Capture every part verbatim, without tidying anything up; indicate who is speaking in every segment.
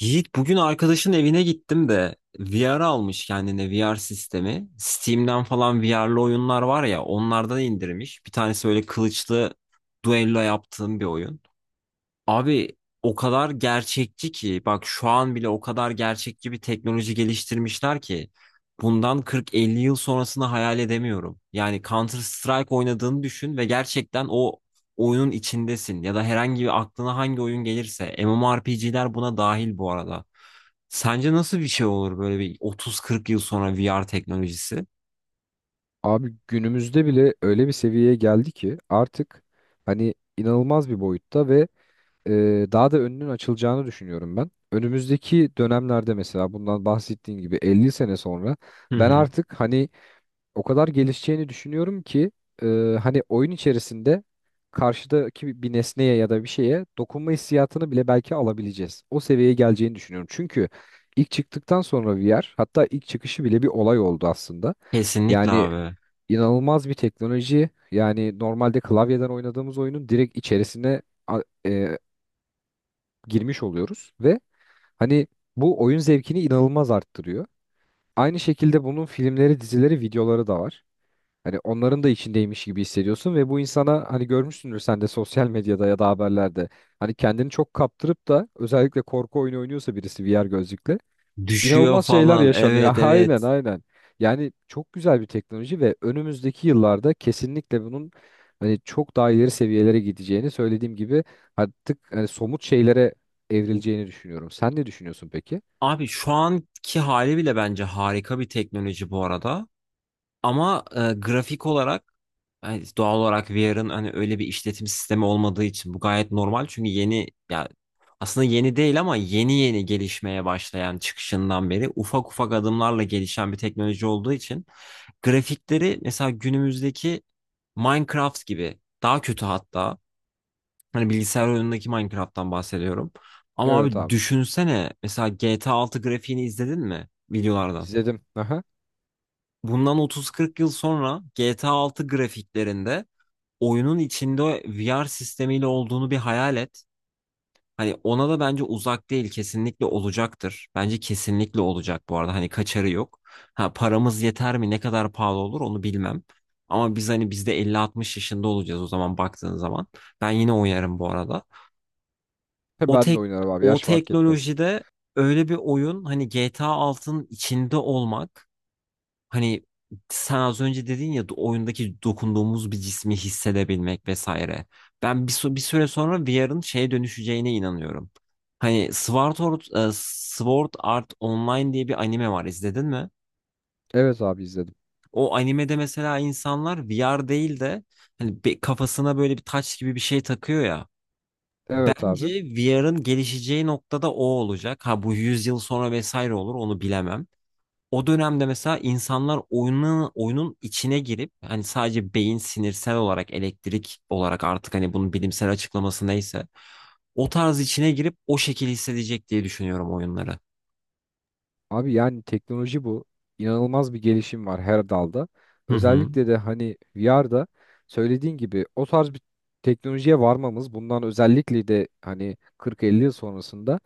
Speaker 1: Yiğit, bugün arkadaşın evine gittim de V R almış kendine, V R sistemi. Steam'den falan V R'lı oyunlar var ya, onlardan indirmiş. Bir tanesi böyle kılıçlı duello yaptığım bir oyun. Abi, o kadar gerçekçi ki, bak şu an bile o kadar gerçekçi bir teknoloji geliştirmişler ki bundan kırk elli yıl sonrasını hayal edemiyorum. Yani Counter Strike oynadığını düşün ve gerçekten o oyunun içindesin, ya da herhangi bir aklına hangi oyun gelirse, M M O R P G'ler buna dahil bu arada. Sence nasıl bir şey olur böyle bir otuz kırk yıl sonra V R teknolojisi?
Speaker 2: Abi günümüzde bile öyle bir seviyeye geldi ki artık hani inanılmaz bir boyutta ve e, daha da önünün açılacağını düşünüyorum ben. Önümüzdeki dönemlerde mesela bundan bahsettiğim gibi elli sene sonra
Speaker 1: Hı
Speaker 2: ben
Speaker 1: hı.
Speaker 2: artık hani o kadar gelişeceğini düşünüyorum ki e, hani oyun içerisinde karşıdaki bir bir nesneye ya da bir şeye dokunma hissiyatını bile belki alabileceğiz. O seviyeye geleceğini düşünüyorum. Çünkü ilk çıktıktan sonra V R hatta ilk çıkışı bile bir olay oldu aslında.
Speaker 1: Kesinlikle
Speaker 2: Yani
Speaker 1: abi.
Speaker 2: inanılmaz bir teknoloji. Yani normalde klavyeden oynadığımız oyunun direkt içerisine a- e, girmiş oluyoruz ve hani bu oyun zevkini inanılmaz arttırıyor. Aynı şekilde bunun filmleri, dizileri, videoları da var. Hani onların da içindeymiş gibi hissediyorsun ve bu insana hani görmüşsündür sen de sosyal medyada ya da haberlerde. Hani kendini çok kaptırıp da özellikle korku oyunu oynuyorsa birisi V R gözlükle
Speaker 1: Düşüyor
Speaker 2: İnanılmaz şeyler
Speaker 1: falan.
Speaker 2: yaşanıyor.
Speaker 1: Evet,
Speaker 2: Aynen
Speaker 1: evet.
Speaker 2: aynen. Yani çok güzel bir teknoloji ve önümüzdeki yıllarda kesinlikle bunun hani çok daha ileri seviyelere gideceğini söylediğim gibi artık hani somut şeylere evrileceğini düşünüyorum. Sen ne düşünüyorsun peki?
Speaker 1: Abi, şu anki hali bile bence harika bir teknoloji bu arada. Ama e, grafik olarak, yani doğal olarak V R'ın hani öyle bir işletim sistemi olmadığı için bu gayet normal. Çünkü yeni ya, aslında yeni değil ama yeni yeni gelişmeye başlayan, çıkışından beri ufak ufak adımlarla gelişen bir teknoloji olduğu için grafikleri mesela günümüzdeki Minecraft gibi, daha kötü hatta. Hani bilgisayar oyunundaki Minecraft'tan bahsediyorum. Ama
Speaker 2: Evet
Speaker 1: abi,
Speaker 2: abi.
Speaker 1: düşünsene mesela G T A altı grafiğini izledin mi videolardan?
Speaker 2: İzledim. Aha.
Speaker 1: Bundan otuz kırk yıl sonra G T A altı grafiklerinde oyunun içinde V R sistemiyle olduğunu bir hayal et. Hani ona da bence uzak değil, kesinlikle olacaktır. Bence kesinlikle olacak bu arada, hani kaçarı yok. Ha paramız yeter mi, ne kadar pahalı olur onu bilmem. Ama biz hani biz de elli altmış yaşında olacağız o zaman, baktığın zaman. Ben yine oynarım bu arada. o
Speaker 2: Ben de
Speaker 1: tek
Speaker 2: oynarım abi.
Speaker 1: o
Speaker 2: Yaş fark etmez.
Speaker 1: teknolojide öyle bir oyun, hani G T A altının içinde olmak, hani sen az önce dedin ya, oyundaki dokunduğumuz bir cismi hissedebilmek vesaire. Ben bir, sü- bir süre sonra V R'ın şeye dönüşeceğine inanıyorum. Hani Sword Art, e, Sword Art Online diye bir anime var, izledin mi?
Speaker 2: Evet abi izledim.
Speaker 1: O animede mesela insanlar V R değil de hani bir, kafasına böyle bir taç gibi bir şey takıyor ya.
Speaker 2: Evet
Speaker 1: Bence
Speaker 2: abi.
Speaker 1: V R'ın gelişeceği noktada o olacak. Ha bu yüz yıl sonra vesaire olur onu bilemem. O dönemde mesela insanlar oyunun, oyunun içine girip hani sadece beyin sinirsel olarak, elektrik olarak, artık hani bunun bilimsel açıklaması neyse, o tarz içine girip o şekilde hissedecek diye düşünüyorum oyunları.
Speaker 2: Abi yani teknoloji bu. İnanılmaz bir gelişim var her dalda.
Speaker 1: Hı hı.
Speaker 2: Özellikle de hani V R'da söylediğin gibi o tarz bir teknolojiye varmamız bundan özellikle de hani kırk elli yıl sonrasında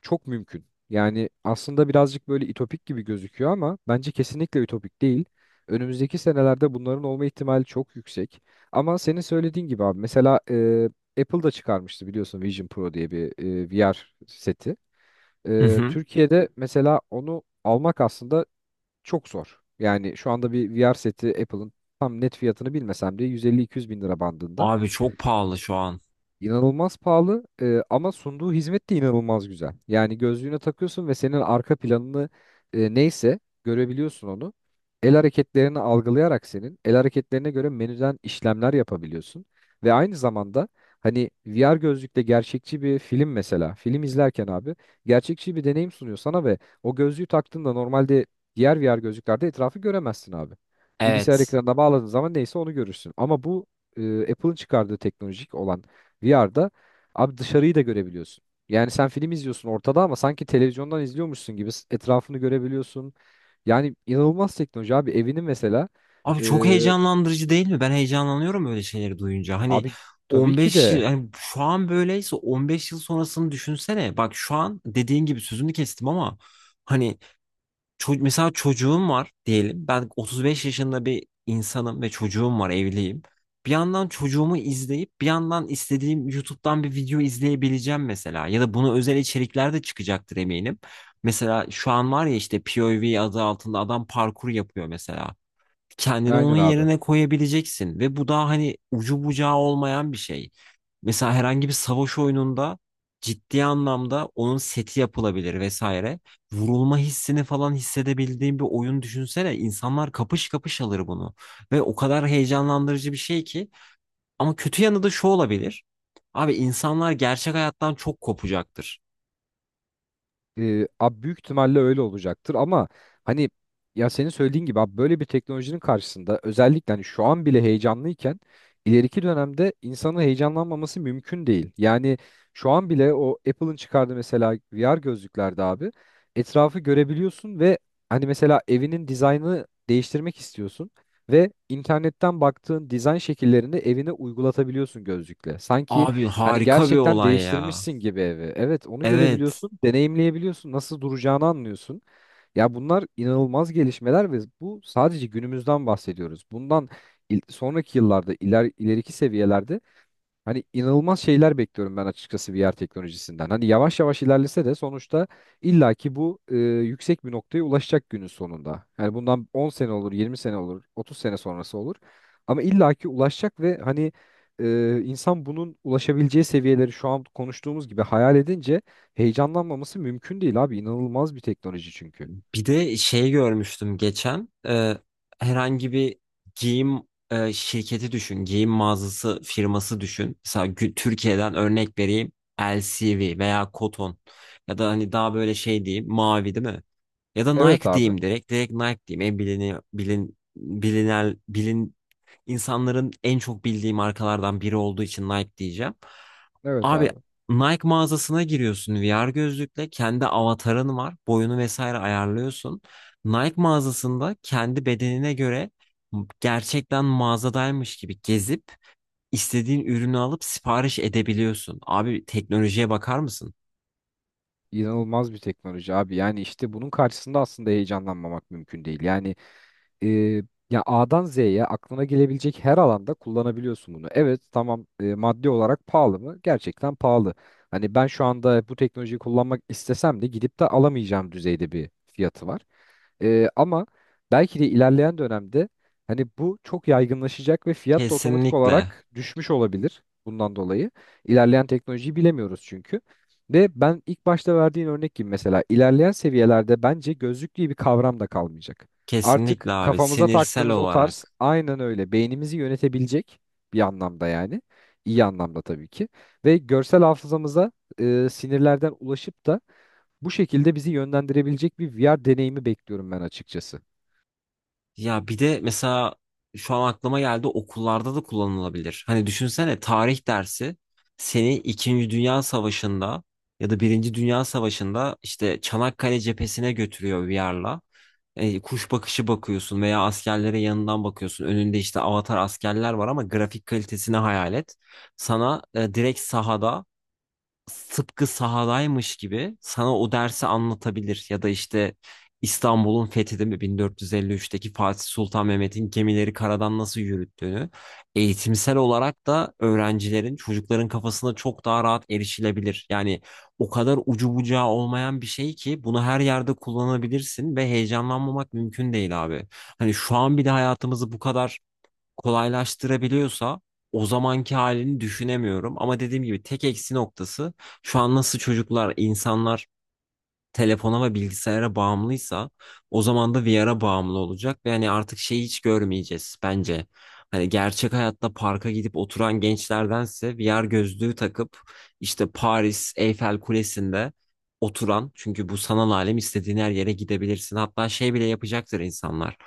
Speaker 2: çok mümkün. Yani aslında birazcık böyle ütopik gibi gözüküyor ama bence kesinlikle ütopik değil. Önümüzdeki senelerde bunların olma ihtimali çok yüksek. Ama senin söylediğin gibi abi mesela e, Apple da çıkarmıştı biliyorsun Vision Pro diye bir e, V R seti.
Speaker 1: Hı
Speaker 2: Ee,
Speaker 1: hı.
Speaker 2: Türkiye'de mesela onu almak aslında çok zor. Yani şu anda bir V R seti Apple'ın tam net fiyatını bilmesem de yüz elli iki yüz bin lira bandında.
Speaker 1: Abi çok pahalı şu an.
Speaker 2: İnanılmaz pahalı e, ama sunduğu hizmet de inanılmaz güzel. Yani gözlüğüne takıyorsun ve senin arka planını e, neyse görebiliyorsun onu. El hareketlerini algılayarak senin el hareketlerine göre menüden işlemler yapabiliyorsun. Ve aynı zamanda hani V R gözlükle gerçekçi bir film mesela film izlerken abi gerçekçi bir deneyim sunuyor sana ve o gözlüğü taktığında normalde diğer V R gözlüklerde etrafı göremezsin abi. Bilgisayar
Speaker 1: Evet.
Speaker 2: ekranına bağladığın zaman neyse onu görürsün. Ama bu e, Apple'ın çıkardığı teknolojik olan V R'da abi dışarıyı da görebiliyorsun. Yani sen film izliyorsun ortada ama sanki televizyondan izliyormuşsun gibi s- etrafını görebiliyorsun. Yani inanılmaz teknoloji abi evini mesela
Speaker 1: Abi
Speaker 2: e,
Speaker 1: çok heyecanlandırıcı değil mi? Ben heyecanlanıyorum böyle şeyleri duyunca. Hani
Speaker 2: abi tabii ki
Speaker 1: on beş yıl,
Speaker 2: de
Speaker 1: hani şu an böyleyse on beş yıl sonrasını düşünsene. Bak şu an dediğin gibi sözünü kestim ama hani ço- mesela çocuğum var diyelim. Ben otuz beş yaşında bir insanım ve çocuğum var, evliyim. Bir yandan çocuğumu izleyip bir yandan istediğim YouTube'dan bir video izleyebileceğim mesela. Ya da buna özel içerikler de çıkacaktır eminim. Mesela şu an var ya, işte P O V adı altında adam parkur yapıyor mesela, kendini onun
Speaker 2: aynen abi.
Speaker 1: yerine koyabileceksin ve bu daha hani ucu bucağı olmayan bir şey. Mesela herhangi bir savaş oyununda ciddi anlamda onun seti yapılabilir vesaire. Vurulma hissini falan hissedebildiğin bir oyun düşünsene. İnsanlar kapış kapış alır bunu ve o kadar heyecanlandırıcı bir şey ki, ama kötü yanı da şu olabilir. Abi, insanlar gerçek hayattan çok kopacaktır.
Speaker 2: E, abi büyük ihtimalle öyle olacaktır ama hani ya senin söylediğin gibi abi böyle bir teknolojinin karşısında özellikle hani şu an bile heyecanlıyken ileriki dönemde insanın heyecanlanmaması mümkün değil. Yani şu an bile o Apple'ın çıkardığı mesela V R gözlüklerde abi etrafı görebiliyorsun ve hani mesela evinin dizaynını değiştirmek istiyorsun ve internetten baktığın dizayn şekillerini evine uygulatabiliyorsun gözlükle. Sanki
Speaker 1: Abi
Speaker 2: Hani
Speaker 1: harika bir
Speaker 2: gerçekten
Speaker 1: olay ya.
Speaker 2: değiştirmişsin gibi evi. Evet, onu
Speaker 1: Evet.
Speaker 2: görebiliyorsun, deneyimleyebiliyorsun, nasıl duracağını anlıyorsun. Ya bunlar inanılmaz gelişmeler ve bu sadece günümüzden bahsediyoruz. Bundan il- sonraki yıllarda, iler, ileriki seviyelerde Hani inanılmaz şeyler bekliyorum ben açıkçası V R teknolojisinden. Hani yavaş yavaş ilerlese de sonuçta illaki bu e, yüksek bir noktaya ulaşacak günün sonunda. Yani bundan on sene olur, yirmi sene olur, otuz sene sonrası olur. Ama illaki ulaşacak ve hani e, insan bunun ulaşabileceği seviyeleri şu an konuştuğumuz gibi hayal edince heyecanlanmaması mümkün değil abi. İnanılmaz bir teknoloji çünkü.
Speaker 1: Bir de şey görmüştüm geçen, e, herhangi bir giyim, e, şirketi düşün, giyim mağazası firması düşün. Mesela gü- Türkiye'den örnek vereyim, L C V veya Koton, ya da hani daha böyle şey diyeyim Mavi, değil mi? Ya da
Speaker 2: Evet
Speaker 1: Nike
Speaker 2: abi.
Speaker 1: diyeyim, direkt direkt Nike diyeyim, en bilini bilin bilinel bilin insanların en çok bildiği markalardan biri olduğu için Nike diyeceğim.
Speaker 2: Evet
Speaker 1: Abi,
Speaker 2: abi.
Speaker 1: Nike mağazasına giriyorsun V R gözlükle, kendi avatarın var. Boyunu vesaire ayarlıyorsun. Nike mağazasında kendi bedenine göre gerçekten mağazadaymış gibi gezip istediğin ürünü alıp sipariş edebiliyorsun. Abi teknolojiye bakar mısın?
Speaker 2: İnanılmaz bir teknoloji abi. Yani işte bunun karşısında aslında heyecanlanmamak mümkün değil. Yani e, ya A'dan Z'ye aklına gelebilecek her alanda kullanabiliyorsun bunu. Evet tamam e, maddi olarak pahalı mı? Gerçekten pahalı. Hani ben şu anda bu teknolojiyi kullanmak istesem de gidip de alamayacağım düzeyde bir fiyatı var. E, ama belki de ilerleyen dönemde hani bu çok yaygınlaşacak ve fiyat da otomatik
Speaker 1: Kesinlikle.
Speaker 2: olarak düşmüş olabilir bundan dolayı. İlerleyen teknolojiyi bilemiyoruz çünkü. Ve ben ilk başta verdiğin örnek gibi mesela ilerleyen seviyelerde bence gözlük diye bir kavram da kalmayacak.
Speaker 1: Kesinlikle
Speaker 2: Artık
Speaker 1: abi,
Speaker 2: kafamıza
Speaker 1: sinirsel
Speaker 2: taktığımız o tarz
Speaker 1: olarak.
Speaker 2: aynen öyle beynimizi yönetebilecek bir anlamda yani. İyi anlamda tabii ki. Ve görsel hafızamıza e, sinirlerden ulaşıp da bu şekilde bizi yönlendirebilecek bir V R deneyimi bekliyorum ben açıkçası.
Speaker 1: Ya bir de mesela şu an aklıma geldi, okullarda da kullanılabilir. Hani düşünsene, tarih dersi seni İkinci Dünya Savaşı'nda ya da Birinci Dünya Savaşı'nda işte Çanakkale cephesine götürüyor V R'la. E, kuş bakışı bakıyorsun veya askerlere yanından bakıyorsun. Önünde işte avatar askerler var, ama grafik kalitesini hayal et. Sana e, direkt sahada, tıpkı sahadaymış gibi sana o dersi anlatabilir, ya da işte İstanbul'un fethedilme mi, bin dört yüz elli üçteki Fatih Sultan Mehmet'in gemileri karadan nasıl yürüttüğünü eğitimsel olarak da öğrencilerin, çocukların kafasına çok daha rahat erişilebilir. Yani o kadar ucu bucağı olmayan bir şey ki, bunu her yerde kullanabilirsin ve heyecanlanmamak mümkün değil abi. Hani şu an bir de hayatımızı bu kadar kolaylaştırabiliyorsa, o zamanki halini düşünemiyorum. Ama dediğim gibi tek eksi noktası, şu an nasıl çocuklar, insanlar telefona ve bilgisayara bağımlıysa, o zaman da V R'a bağımlı olacak ve hani artık şeyi hiç görmeyeceğiz bence. Hani gerçek hayatta parka gidip oturan gençlerdense V R gözlüğü takıp işte Paris Eyfel Kulesi'nde oturan, çünkü bu sanal alem, istediğin her yere gidebilirsin. Hatta şey bile yapacaktır insanlar.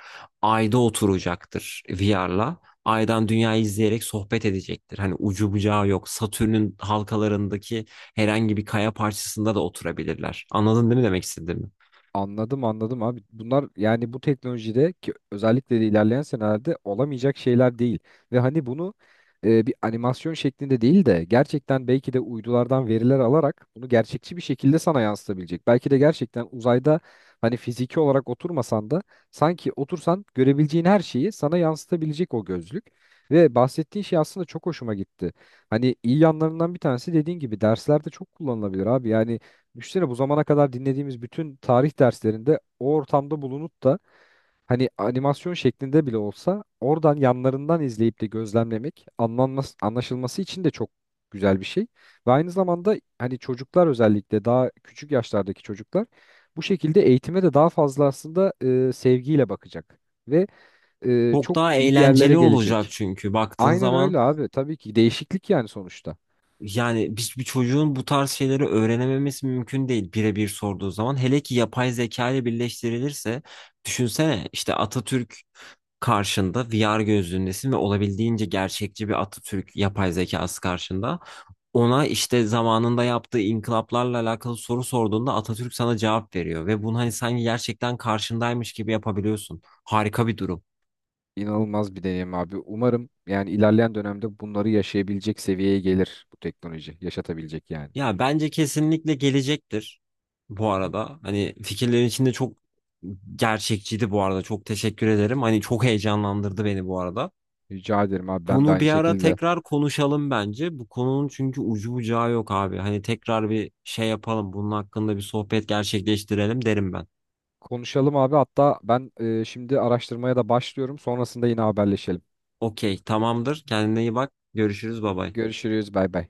Speaker 1: Ayda oturacaktır V R'la. Aydan dünyayı izleyerek sohbet edecektir. Hani ucu bucağı yok. Satürn'ün halkalarındaki herhangi bir kaya parçasında da oturabilirler. Anladın değil mi demek istediğimi?
Speaker 2: Anladım anladım abi. Bunlar yani bu teknolojide ki özellikle de ilerleyen senelerde olamayacak şeyler değil. Ve hani bunu e, bir animasyon şeklinde değil de gerçekten belki de uydulardan veriler alarak bunu gerçekçi bir şekilde sana yansıtabilecek. Belki de gerçekten uzayda hani fiziki olarak oturmasan da sanki otursan görebileceğin her şeyi sana yansıtabilecek o gözlük. Ve bahsettiğin şey aslında çok hoşuma gitti. Hani iyi yanlarından bir tanesi dediğin gibi derslerde çok kullanılabilir abi. Yani Düşünsene bu zamana kadar dinlediğimiz bütün tarih derslerinde o ortamda bulunup da hani animasyon şeklinde bile olsa oradan yanlarından izleyip de gözlemlemek anlanması, anlaşılması için de çok güzel bir şey. Ve aynı zamanda hani çocuklar özellikle daha küçük yaşlardaki çocuklar bu şekilde eğitime de daha fazla aslında e, sevgiyle bakacak ve e,
Speaker 1: Çok
Speaker 2: çok
Speaker 1: daha
Speaker 2: iyi yerlere
Speaker 1: eğlenceli olacak
Speaker 2: gelecek.
Speaker 1: çünkü baktığın
Speaker 2: Aynen
Speaker 1: zaman.
Speaker 2: öyle abi. Tabii ki değişiklik yani sonuçta.
Speaker 1: Yani bir, bir çocuğun bu tarz şeyleri öğrenememesi mümkün değil birebir sorduğu zaman. Hele ki yapay zeka ile birleştirilirse düşünsene, işte Atatürk karşında, V R gözlüğündesin ve olabildiğince gerçekçi bir Atatürk yapay zekası karşında. Ona işte zamanında yaptığı inkılaplarla alakalı soru sorduğunda Atatürk sana cevap veriyor ve bunu hani sanki gerçekten karşındaymış gibi yapabiliyorsun. Harika bir durum.
Speaker 2: İnanılmaz bir deneyim abi. Umarım yani ilerleyen dönemde bunları yaşayabilecek seviyeye gelir bu teknoloji. Yaşatabilecek yani.
Speaker 1: Ya bence kesinlikle gelecektir bu arada. Hani fikirlerin içinde çok gerçekçiydi bu arada. Çok teşekkür ederim. Hani çok heyecanlandırdı beni bu arada.
Speaker 2: Rica ederim abi ben de
Speaker 1: Bunu
Speaker 2: aynı
Speaker 1: bir ara
Speaker 2: şekilde.
Speaker 1: tekrar konuşalım bence. Bu konunun çünkü ucu bucağı yok abi. Hani tekrar bir şey yapalım, bunun hakkında bir sohbet gerçekleştirelim derim ben.
Speaker 2: Konuşalım abi hatta ben e, şimdi araştırmaya da başlıyorum. Sonrasında yine haberleşelim.
Speaker 1: Okey, tamamdır. Kendine iyi bak. Görüşürüz. Bay bay.
Speaker 2: Görüşürüz bay bay.